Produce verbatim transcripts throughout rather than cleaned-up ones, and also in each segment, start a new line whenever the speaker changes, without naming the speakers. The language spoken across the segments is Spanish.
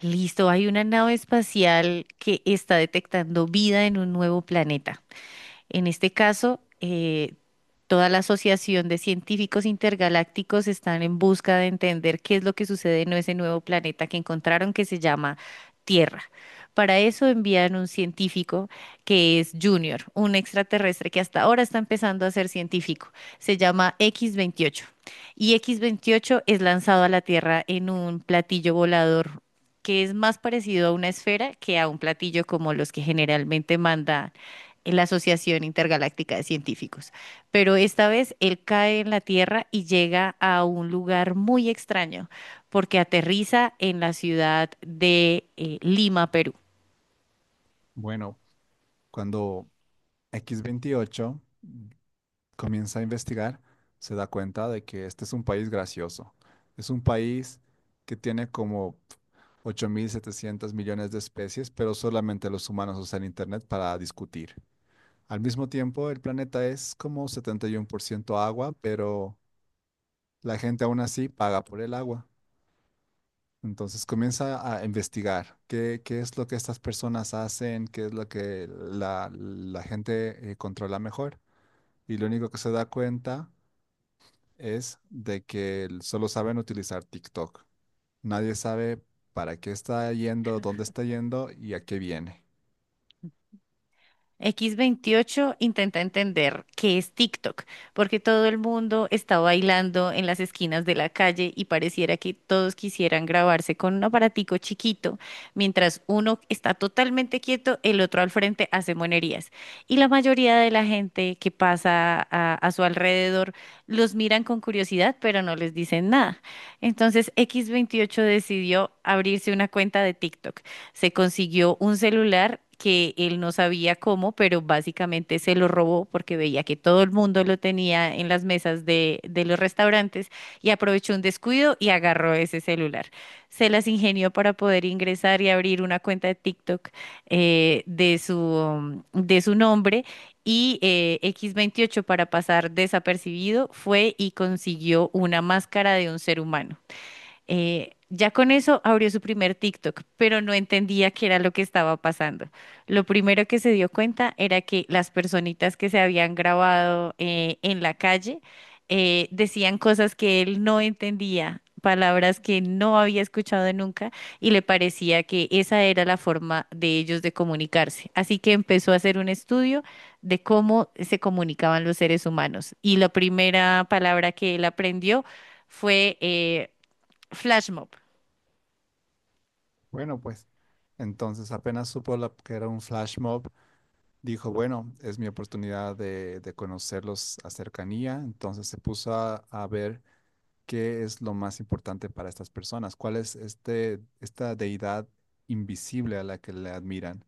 Listo, hay una nave espacial que está detectando vida en un nuevo planeta. En este caso, eh, toda la Asociación de Científicos Intergalácticos están en busca de entender qué es lo que sucede en ese nuevo planeta que encontraron que se llama Tierra. Para eso envían un científico que es Junior, un extraterrestre que hasta ahora está empezando a ser científico. Se llama equis veintiocho. Y equis veintiocho es lanzado a la Tierra en un platillo volador que es más parecido a una esfera que a un platillo como los que generalmente manda en la Asociación Intergaláctica de Científicos. Pero esta vez él cae en la Tierra y llega a un lugar muy extraño, porque aterriza en la ciudad de eh, Lima, Perú.
Bueno, cuando equis veintiocho comienza a investigar, se da cuenta de que este es un país gracioso. Es un país que tiene como ocho mil setecientos millones de especies, pero solamente los humanos usan Internet para discutir. Al mismo tiempo, el planeta es como setenta y uno por ciento agua, pero la gente aún así paga por el agua. Entonces comienza a investigar qué, qué es lo que estas personas hacen, qué es lo que la, la gente eh, controla mejor. Y lo único que se da cuenta es de que el- solo saben utilizar TikTok. Nadie sabe para qué está yendo, dónde está yendo y a qué viene.
equis veintiocho intenta entender qué es TikTok, porque todo el mundo está bailando en las esquinas de la calle y pareciera que todos quisieran grabarse con un aparatico chiquito, mientras uno está totalmente quieto, el otro al frente hace monerías. Y la mayoría de la gente que pasa a, a su alrededor los miran con curiosidad, pero no les dicen nada. Entonces equis veintiocho decidió abrirse una cuenta de TikTok. Se consiguió un celular que él no sabía cómo, pero básicamente se lo robó porque veía que todo el mundo lo tenía en las mesas de, de los restaurantes y aprovechó un descuido y agarró ese celular. Se las ingenió para poder ingresar y abrir una cuenta de TikTok, eh, de su, um, de su nombre. Y eh, equis veintiocho, para pasar desapercibido, fue y consiguió una máscara de un ser humano. Eh, ya con eso abrió su primer TikTok, pero no entendía qué era lo que estaba pasando. Lo primero que se dio cuenta era que las personitas que se habían grabado eh, en la calle eh, decían cosas que él no entendía, palabras que no había escuchado nunca, y le parecía que esa era la forma de ellos de comunicarse. Así que empezó a hacer un estudio de cómo se comunicaban los seres humanos. Y la primera palabra que él aprendió fue eh, Flash Mob.
Bueno, pues entonces apenas supo la- que era un flash mob, dijo, bueno, es mi oportunidad de, de conocerlos a cercanía. Entonces se puso a, a ver qué es lo más importante para estas personas, cuál es este, esta deidad invisible a la que le admiran.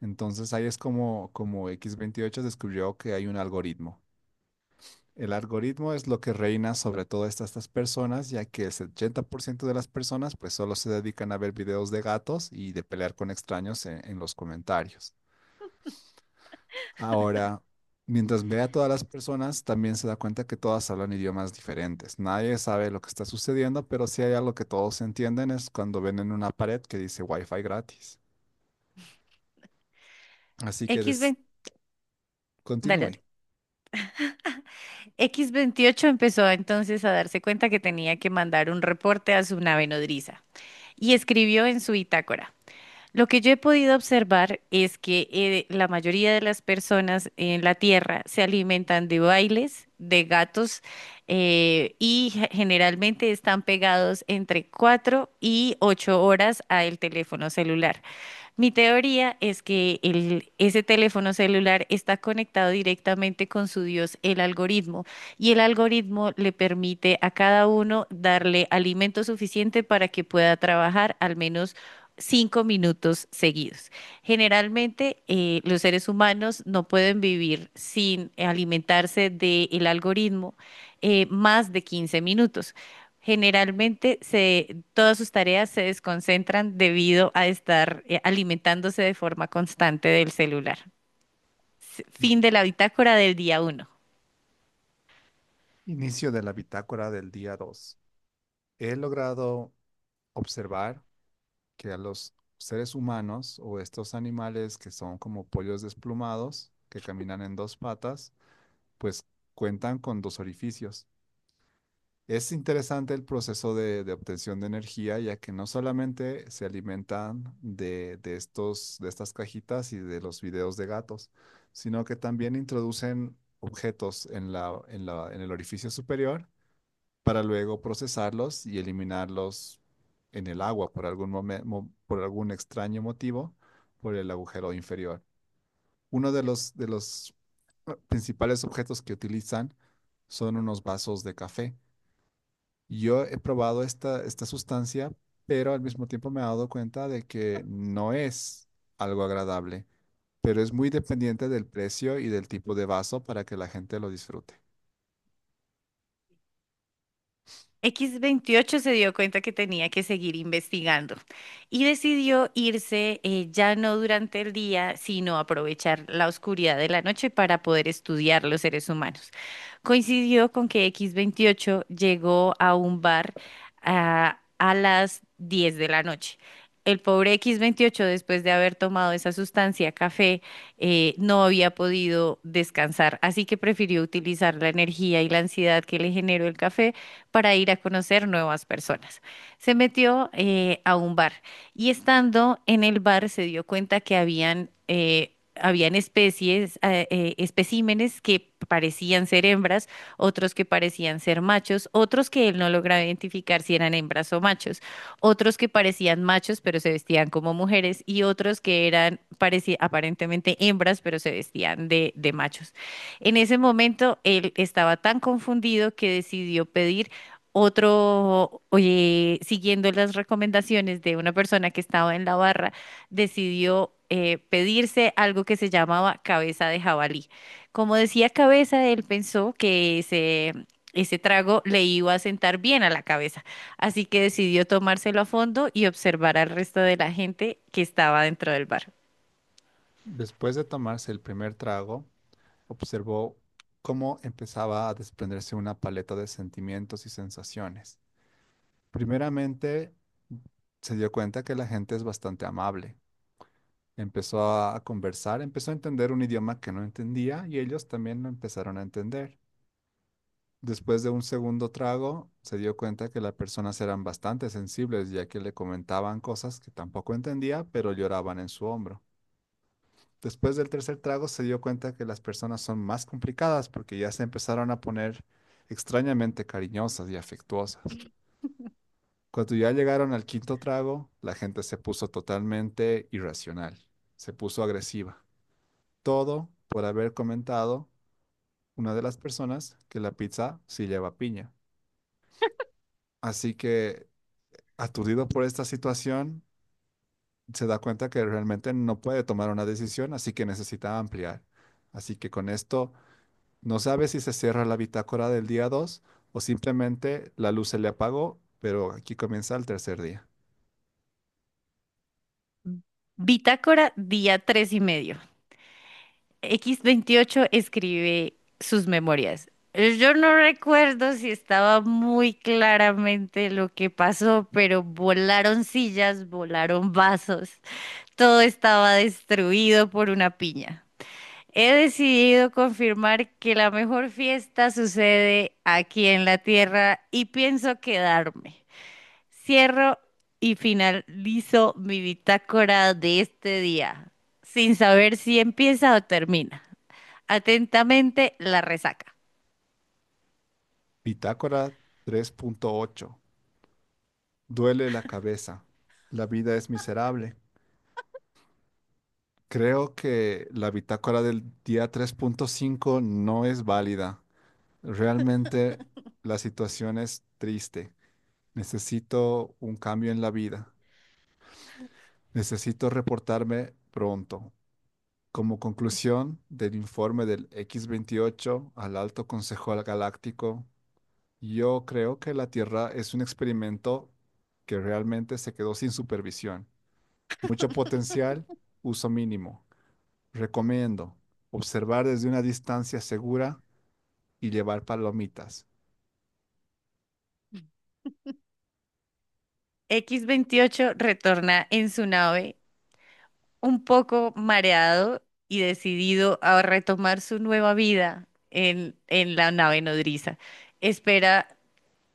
Entonces ahí es como, como equis veintiocho descubrió que hay un algoritmo. El algoritmo es lo que reina sobre todas estas, estas personas, ya que el setenta por ciento de las personas pues solo se dedican a ver videos de gatos y de pelear con extraños en, en los comentarios. Ahora, mientras ve a todas las personas, también se da cuenta que todas hablan idiomas diferentes. Nadie sabe lo que está sucediendo, pero si hay algo que todos entienden es cuando ven en una pared que dice Wi-Fi gratis. Así que des-
equis veinte, dale, dale.
continúe.
equis veintiocho empezó entonces a darse cuenta que tenía que mandar un reporte a su nave nodriza y escribió en su bitácora. Lo que yo he podido observar es que eh, la mayoría de las personas en la Tierra se alimentan de bailes, de gatos, eh, y ge- generalmente están pegados entre cuatro y ocho horas al teléfono celular. Mi teoría es que el, ese teléfono celular está conectado directamente con su Dios, el algoritmo, y el algoritmo le permite a cada uno darle alimento suficiente para que pueda trabajar al menos cinco minutos seguidos. Generalmente, eh, los seres humanos no pueden vivir sin alimentarse del algoritmo eh, más de quince minutos. Generalmente, se, todas sus tareas se desconcentran debido a estar eh, alimentándose de forma constante del celular. S- Fin de la bitácora del día uno.
Inicio de la bitácora del día dos. He logrado observar que a los seres humanos o estos animales que son como pollos desplumados, que caminan en dos patas, pues cuentan con dos orificios. Es interesante el proceso de, de obtención de energía, ya que no solamente se alimentan de, de estos, de estas cajitas y de los videos de gatos, sino que también introducen objetos en la, en la, en el orificio superior para luego procesarlos y eliminarlos en el agua por algún momen- mo- por algún extraño motivo, por el agujero inferior. Uno de los, de los eh, principales objetos que utilizan son unos vasos de café. Yo he probado esta, esta sustancia, pero al mismo tiempo me he dado cuenta de que no es algo agradable, pero es muy dependiente del precio y del tipo de vaso para que la gente lo disfrute.
equis veintiocho se dio cuenta que tenía que seguir investigando y decidió irse, eh, ya no durante el día, sino aprovechar la oscuridad de la noche para poder estudiar los seres humanos. Coincidió con que equis veintiocho llegó a un bar ah, a, las diez de la noche. El pobre equis veintiocho, después de haber tomado esa sustancia, café, eh, no había podido descansar, así que prefirió utilizar la energía y la ansiedad que le generó el café para ir a conocer nuevas personas. Se metió, eh, a un bar, y estando en el bar se dio cuenta que habían, eh, habían especies, eh, eh, especímenes que parecían ser hembras, otros que parecían ser machos, otros que él no lograba identificar si eran hembras o machos, otros que parecían machos pero se vestían como mujeres, y otros que eran, parecía, aparentemente hembras, pero se vestían de de machos. En ese momento él estaba tan confundido que decidió pedir otro. Oye, siguiendo las recomendaciones de una persona que estaba en la barra, decidió, eh, pedirse algo que se llamaba cabeza de jabalí. Como decía cabeza, él pensó que ese, ese trago le iba a sentar bien a la cabeza, así que decidió tomárselo a fondo y observar al resto de la gente que estaba dentro del bar.
Después de tomarse el primer trago, observó cómo empezaba a desprenderse una paleta de sentimientos y sensaciones. Primeramente, se dio cuenta que la gente es bastante amable. Empezó a a conversar, empezó a entender un idioma que no entendía y ellos también lo empezaron a entender. Después de un segundo trago, se dio cuenta que las personas eran bastante sensibles, ya que le comentaban cosas que tampoco entendía, pero lloraban en su hombro. Después del tercer trago, se dio cuenta que las personas son más complicadas porque ya se empezaron a poner extrañamente cariñosas y afectuosas. Cuando ya llegaron al quinto trago, la gente se puso totalmente irracional, se puso agresiva. Todo por haber comentado una de las personas que la pizza sí lleva piña. Así que aturdido por esta situación, se da cuenta que realmente no puede tomar una decisión, así que necesita ampliar. Así que con esto no sabe si se cierra la bitácora del día dos o simplemente la luz se le apagó, pero aquí comienza el tercer día.
Bitácora, día tres y medio. equis veintiocho escribe sus memorias. Eh, Yo no recuerdo si estaba muy claramente lo que pasó, pero volaron sillas, volaron vasos, todo estaba destruido por una piña. He decidido confirmar que la mejor fiesta sucede aquí en la Tierra y pienso quedarme. Cierro y finalizo mi bitácora de este día, sin saber si empieza o termina. Atentamente, la resaca.
Bitácora tres punto ocho. Duele la cabeza. La vida es miserable. Creo que la bitácora del día tres punto cinco no es válida. Realmente la situación es triste. Necesito un cambio en la vida. Necesito reportarme pronto. Como conclusión del informe del equis veintiocho al Alto Consejo Galáctico, yo creo que la Tierra es un experimento que realmente se quedó sin supervisión. Mucho potencial, uso mínimo. Recomiendo observar desde una distancia segura y llevar palomitas.
equis veintiocho retorna en su nave, un poco mareado y decidido a retomar su nueva vida en, en la nave nodriza. Espera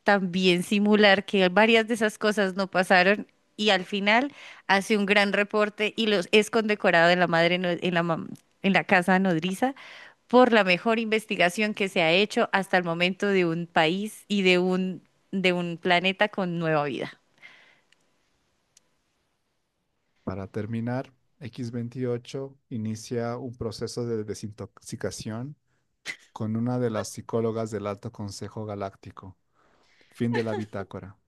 también simular que varias de esas cosas no pasaron, y al final hace un gran reporte y los es condecorado en la madre no- en la mam- en la casa nodriza por la mejor investigación que se ha hecho hasta el momento de un país y de un de un planeta con nueva vida.
Para terminar, equis veintiocho inicia un proceso de desintoxicación con una de las psicólogas del Alto Consejo Galáctico. Fin de la bitácora.